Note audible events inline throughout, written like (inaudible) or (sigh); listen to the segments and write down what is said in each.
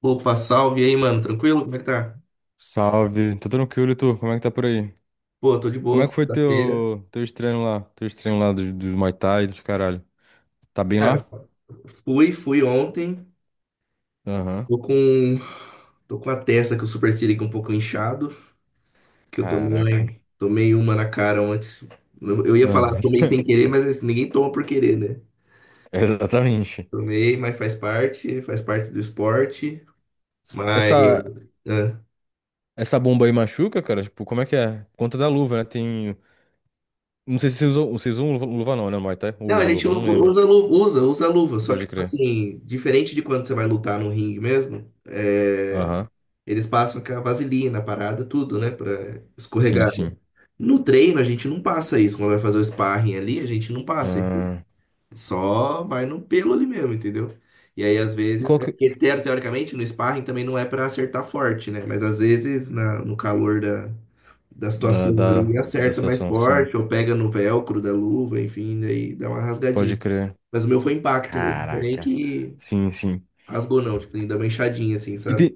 Opa, salve e aí, mano. Tranquilo? Como é que tá? Salve, tô tranquilo, e tu? Como é que tá por aí? Pô, tô de Como boa, é que foi sexta-feira. Teus treinos lá? Teus treinos lá do Muay Thai, dos caralho. Tá bem Cara, lá? fui ontem. Aham. Tô com. Tô com a testa que o supercílio aqui um pouco inchado. Que eu tomei, Caraca. né? Tomei uma na cara antes. Eu ia falar, Aham. tomei (laughs) sem querer, mas assim, ninguém toma por querer, né? Exatamente. Tomei, mas faz parte do esporte. Mas. Essa, É. Essa bomba aí machuca, cara? Tipo, como é que é? Por conta da luva, né? Tem. Não sei se vocês usam luva, luva não, né? Muay Thai? Ou Não, usa luva, não lembro. usa luva, usa, usa luva. Só que, Pode tipo crer. assim, diferente de quando você vai lutar no ringue mesmo. É, Aham. eles passam com a vaselina, a parada, tudo, né? Pra Sim, escorregar, né? sim. No treino, a gente não passa isso. Quando vai fazer o sparring ali, a gente não passa isso. Ah, Só vai no pelo ali mesmo, entendeu? E aí, às e vezes, qual é que. porque teoricamente no sparring também não é pra acertar forte, né? Mas às vezes, no calor da, da Da, situação da, ali, Da acerta mais situação, sim. forte, ou pega no velcro da luva, enfim, daí dá uma Pode rasgadinha. crer. Mas o meu foi impacto mesmo, não foi nem Caraca. que Sim, sim. rasgou, não, tipo, nem dá uma inchadinha assim, sabe?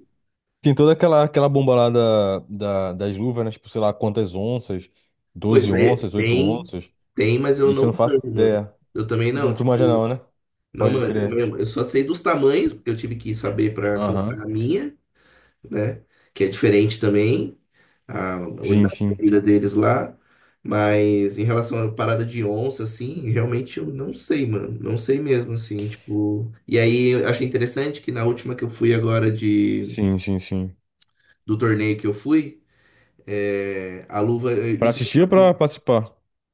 Tem toda aquela bomba lá das luvas, né? Tipo, sei lá quantas onças, Pois 12 é, onças, 8 tem, onças. tem, mas eu Isso não eu não faço manjo, mano. ideia. Eu também Não não, tu manja tipo, não, né? não Pode manjo crer. mesmo. Eu só sei dos tamanhos, porque eu tive que saber para Aham. comprar a minha, né? Que é diferente também, a Sim, unidade de sim. medida deles lá. Mas em relação à parada de onça, assim, realmente eu não sei, mano. Não sei mesmo, assim, tipo. E aí eu achei interessante que na última que eu fui agora de, Sim, sim, sim. do torneio que eu fui, é, a luva. Pra Isso. assistir ou pra participar?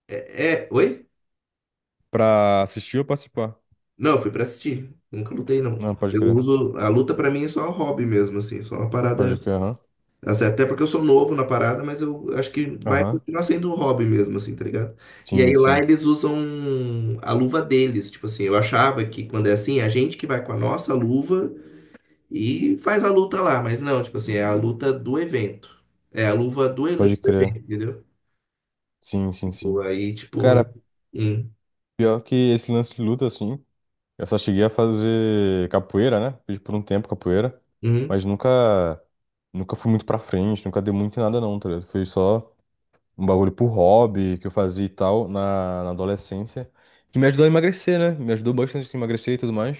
É, é, oi? Pra assistir ou participar? Não, eu fui pra assistir. Nunca lutei, não. Não, pode Eu crer. uso. A luta pra mim é só um hobby mesmo, assim. Só uma parada. Pode crer, aham. Assim, até porque eu sou novo na parada, mas eu acho que vai Aham. continuar sendo um hobby mesmo, assim, tá ligado? E aí Sim, lá sim. eles usam a luva deles. Tipo assim, eu achava que quando é assim, é a gente que vai com a nossa luva e faz a luta lá. Mas não, tipo assim, é a luta do evento. É a luva Pode do crer. evento, entendeu? Sim, sim, Tipo, sim. aí, tipo. Cara, Hum, pior que esse lance de luta, assim. Eu só cheguei a fazer capoeira, né? Fiz por um tempo capoeira, hum, mas nunca fui muito pra frente, nunca dei muito em nada não, tá ligado? Foi só um bagulho por hobby que eu fazia e tal na adolescência, que me ajudou a emagrecer, né? Me ajudou bastante a emagrecer e tudo mais.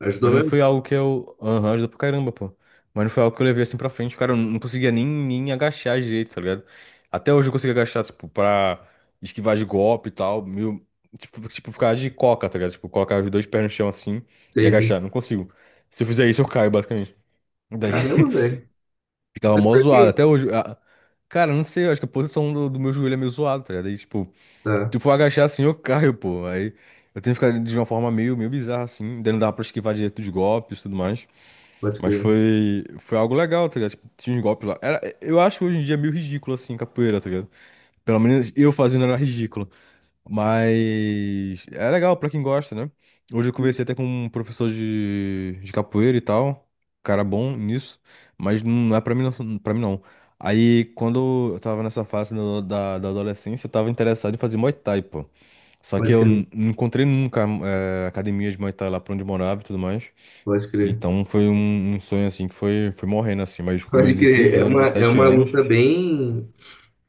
ajudou Mas não mesmo? foi algo que eu. Aham, ajuda pra caramba, pô. Mas não foi algo que eu levei assim pra frente, cara. Eu não conseguia nem agachar direito, tá ligado? Até hoje eu consigo agachar, tipo, pra esquivar de golpe e tal. Meio. Tipo, ficar de coca, tá ligado? Tipo, colocar os dois pés no chão assim e Sei, sei. agachar. Não consigo. Se eu fizer isso, eu caio, basicamente. Daí Caramba, velho. (laughs) ficava Mas mó por zoado. quê? Até hoje. Cara, eu não sei, eu acho que a posição do meu joelho é meio zoado, tá ligado? Aí, tipo, Tá. se eu for agachar assim, eu caio, pô. Aí eu tenho que ficar de uma forma meio bizarra, assim. Daí não dá pra esquivar direito dos golpes e tudo mais. Pode Mas crer, foi algo legal, tá ligado? Tipo, tinha uns golpes lá. Era, eu acho hoje em dia meio ridículo, assim, capoeira, tá ligado? Pelo menos eu fazendo era ridículo. Mas é legal pra quem gosta, né? Hoje eu conversei até com um professor de capoeira e tal. Cara bom nisso. Mas não é pra mim, não, pra mim não. Aí, quando eu tava nessa fase da adolescência, eu tava interessado em fazer Muay Thai, pô. Só que pode eu crer, não encontrei nunca academia de Muay Thai lá pra onde eu morava e tudo mais. pode crer, Então foi um sonho assim que foi morrendo assim, mas com meus pode crer. 16 anos, É 17 uma anos. luta bem,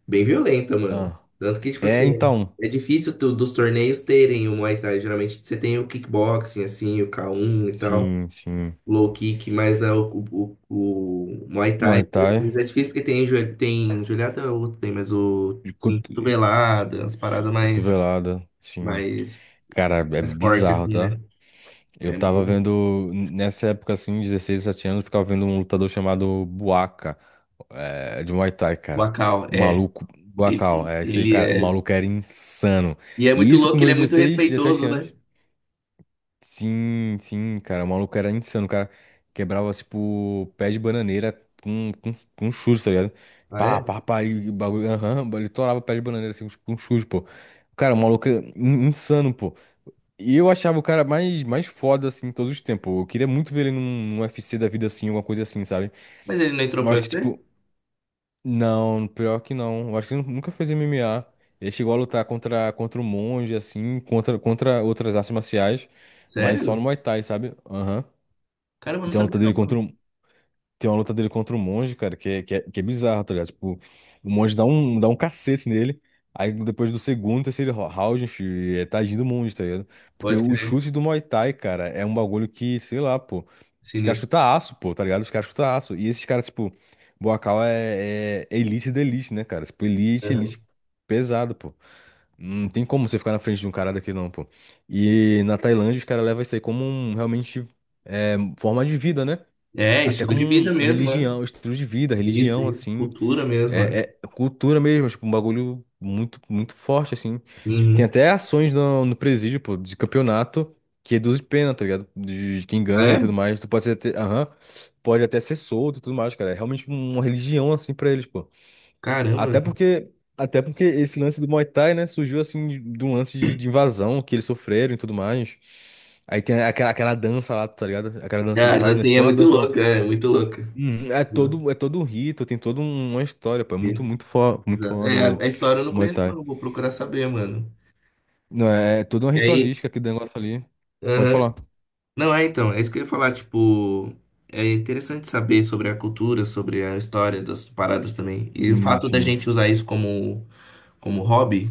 bem violenta, mano. Ah. Tanto que, tipo É, assim, então. é difícil dos torneios terem o Muay Thai. Geralmente você tem o kickboxing, assim, o K1 e tal, Sim, sim. low kick, mas é o Muay Thai Muay Thai, mesmo, às vezes é difícil porque tem, tem Julieta é outro, tem, mas o de tem cotovelada, as paradas mais, cotovelada, sim. mais, Cara, é mais fortes, bizarro, assim, tá? né? Eu É tava muito. vendo, nessa época assim, 16 17 anos, eu ficava vendo um lutador chamado Buaca, é, de Muay Thai, O cara. Akal, O é. maluco, Buacal, Ele, é isso aí, ele cara. O é. maluco era insano. E é E muito isso com louco, ele meus é muito 16 17 respeitoso, né? anos. Sim, sim, cara. O maluco era insano. O cara quebrava, tipo, pé de bananeira com chus, tá ligado? Ah, Pá, é? pá, pá, e o bagulho. Aham, ele torava pé de bananeira assim com chus, pô. Cara, o maluco é insano, pô. E eu achava o cara mais foda, assim, todos os tempos. Eu queria muito ver ele num UFC da vida assim, alguma coisa assim, sabe? Mas ele não entrou Eu pro acho que, UFC? tipo, não, pior que não. Eu acho que ele nunca fez MMA. Ele chegou a lutar contra o monge, assim, contra outras artes marciais. Mas só no Sério? Muay Thai, sabe? Aham. Caramba, eu não Tem uma sabia luta não, dele contra mano. um, tem uma luta dele contra um monge, cara, que é bizarro, tá ligado? Tipo, o monge dá um cacete nele. Aí depois do segundo, terceiro round, enfim, é tadinho do monge, tá ligado? Porque Pode o crer. chute do Muay Thai, cara, é um bagulho que, sei lá, pô. Os caras Sinistro. chutam aço, pô, tá ligado? Os caras chutam aço. E esses caras, tipo, Boacau é elite da elite, né, cara? Tipo, elite, elite pesado, pô. Não tem como você ficar na frente de um cara daqui, não, pô. E na Tailândia, os caras levam isso aí como um, realmente, é, forma de vida, né? É, é, Até estilo como de vida mesmo, é. religião, um estilo de vida, Isso, religião, isso. assim, Cultura mesmo, é. é cultura mesmo, tipo, um bagulho muito, muito forte, assim. Tem Uhum. até ações no presídio, pô, de campeonato que reduz pena, tá ligado? De quem ganha e tudo É? mais. Tu pode ser até, aham, pode até ser solto e tudo mais, cara. É realmente uma religião, assim, pra eles, pô. Caramba. Até porque, Até porque esse lance do Muay Thai, né, surgiu, assim, de um lance de invasão que eles sofreram e tudo mais. Aí tem aquela dança lá, tá ligado? Aquela dança que eles Cara, fazem, né? assim, Tipo, é não é uma muito dança, não. louco, é muito louco. Uhum. Louco. É todo um rito, tem toda uma história, pô. É muito, Isso. Muito Exato. foda É, o a história eu não Muay conheço, Thai. não. Vou procurar saber, mano. Não, é toda uma E aí? ritualística aquele negócio ali. Pode Aham. falar. Não, é então, é isso que eu ia falar, tipo, é interessante saber sobre a cultura, sobre a história das paradas também. E o Sim, fato da sim. gente usar isso como, como hobby,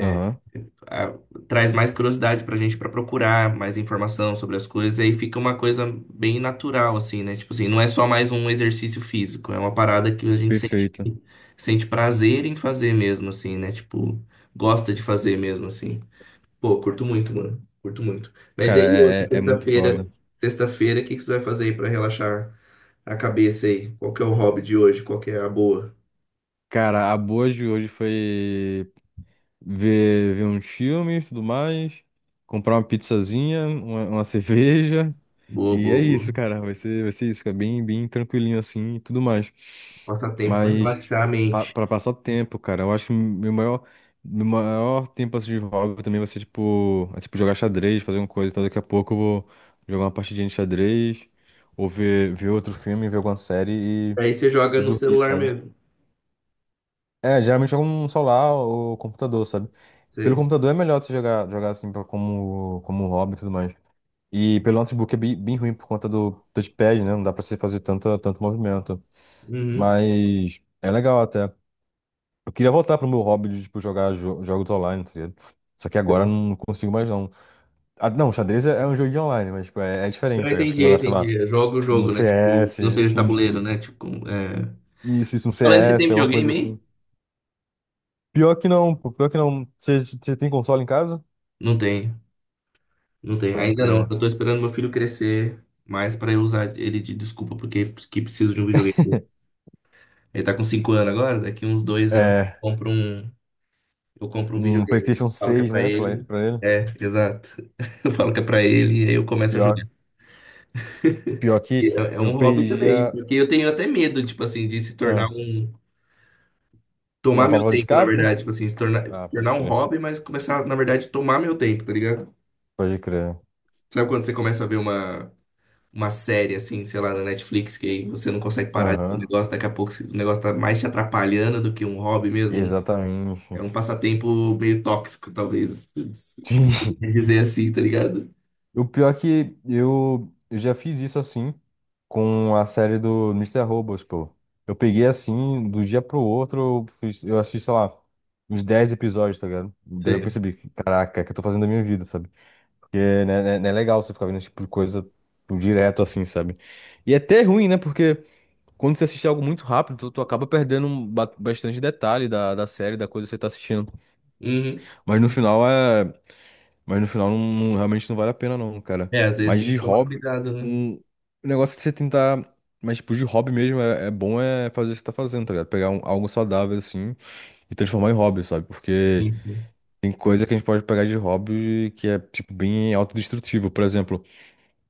Aham, ah, traz mais curiosidade pra gente pra procurar mais informação sobre as coisas, e aí fica uma coisa bem natural, assim, né? Tipo assim, não é só mais um exercício físico, é uma parada que a gente sente, perfeito. sente prazer em fazer mesmo, assim, né? Tipo, gosta de fazer mesmo, assim. Pô, curto muito, mano. Curto muito. Mas aí, Cara, hoje, é muito sexta-feira, foda. sexta-feira, o que que você vai fazer aí pra relaxar a cabeça aí? Qual que é o hobby de hoje? Qual que é a boa? Cara, a boa de hoje foi ver uns filmes e tudo mais, comprar uma pizzazinha, uma (laughs) cerveja. Boa, E é boa, isso, boa. cara. Vai ser isso. Fica bem, bem tranquilinho assim e tudo mais. Passatempo pra Mas. relaxar a Pa- mente. Pra passar o tempo, cara. Eu acho que meu maior tempo assim, de hobby também vai ser, tipo, tipo, jogar xadrez, fazer uma coisa. Então, daqui a pouco eu vou jogar uma partidinha de xadrez, ou ver outro filme, ver alguma série e, Aí você joga e no dormir, celular sabe? mesmo. É, geralmente jogo no celular ou computador, sabe? Pelo Você. computador é melhor você jogar assim, pra, como hobby e tudo mais. E pelo notebook é bem, bem ruim por conta do touchpad, né? Não dá pra você fazer tanto, tanto movimento. Uhum. Mas é legal até. Eu queria voltar pro meu hobby de, tipo, jogar jogos online, tá ligado? Só que agora eu Sei. não consigo mais, não. Ah, não, xadrez é um jogo de online, mas, tipo, é Eu diferente, tá ligado? Tu entendi, jogar, sei lá, entendi. Joga o um jogo, né? Tipo, não CS, seja sim, tabuleiro, sim. né? Tipo, é... Isso, um Falando, você tem CS, alguma coisa videogame aí? assim. Pior que não, pô, pior que não. Você tem console em casa? Não tem, não tem. Pode Ainda não. crer. Eu tô esperando meu filho crescer mais pra eu usar ele de desculpa, porque que preciso de um videogame. Ele tá com 5 anos agora, daqui uns 2 anos É, eu compro um um videogame. Eu PlayStation falo que é seis, pra né, ele. pra ele. É, exato. (laughs) Eu falo que é pra ele e aí eu começo a jogar. Pior, Pior E que É, é um eu hobby perdi também, porque eu tenho até medo, tipo assim, de se tornar ah, um. Tomar uma meu válvula de tempo, na escape? verdade. Tipo assim, se tornar, se Ah, pode tornar um crer. hobby, mas começar, na verdade, tomar meu tempo, tá ligado? Pode crer. Sabe quando você começa a ver uma série, assim, sei lá, na Netflix, que aí você não consegue parar de ver o Aham. negócio, daqui a pouco o negócio tá mais te atrapalhando do que um hobby mesmo, um. É Exatamente. um passatempo meio tóxico, talvez, (laughs) (laughs) Sim. dizer assim, tá ligado? O pior é que eu já fiz isso assim com a série do Mister Robot, pô. Eu peguei assim, do dia pro outro, eu assisti, sei lá, uns 10 episódios, tá ligado? Daí eu Sei. percebi, que, caraca, o que eu tô fazendo da minha vida, sabe? Porque né, não é legal você ficar vendo esse tipo de coisa tipo, direto assim, sabe? E é até ruim, né? Porque quando você assiste algo muito rápido, tu acaba perdendo um bastante detalhe da série, da coisa que você tá assistindo. Uhum. Mas no final é. Mas no final não, realmente não vale a pena não, cara. É, às vezes Mas tem de que tomar hobby, cuidado, né? O negócio é você tentar. Mas tipo, de hobby mesmo é bom é fazer o que você tá fazendo, tá ligado? Pegar algo saudável assim e transformar em hobby, sabe? Porque Sim, sim. tem coisa que a gente pode pegar de hobby que é, tipo, bem autodestrutivo. Por exemplo,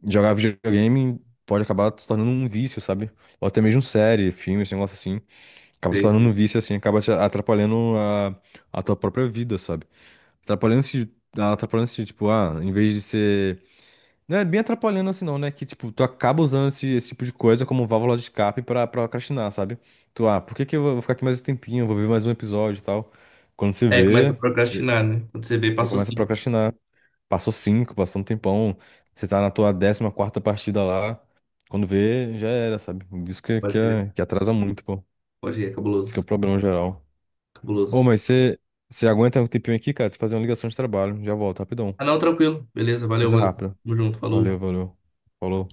jogar videogame pode acabar se tornando um vício, sabe? Ou até mesmo série, filme, esse negócio assim. Acaba se Sei, tornando um sei. vício assim, acaba te atrapalhando a tua própria vida, sabe? Atrapalhando-se, atrapalhando-se, tipo, ah, em vez de ser não é bem atrapalhando assim não, né? Que, tipo, tu acaba usando esse tipo de coisa como válvula de escape pra procrastinar, sabe? Por que que eu vou ficar aqui mais um tempinho? Eu vou ver mais um episódio e tal. Quando você É, começa vê, a você procrastinar, né? Quando você vê, passou começa a cinco. procrastinar. Passou cinco, passou um tempão. Você tá na tua 14ª partida lá. Quando vê, já era, sabe? Isso Pode crer. Que atrasa muito, pô. Pode ir, é Isso que é o cabuloso. problema geral. Ô, Cabuloso. mas você aguenta um tempinho aqui, cara? Tem que fazer uma ligação de trabalho. Já volto, rapidão. Ah, não, tranquilo. Beleza, valeu, Coisa mano. rápida. Tamo junto, Valeu, falou. valeu. Falou.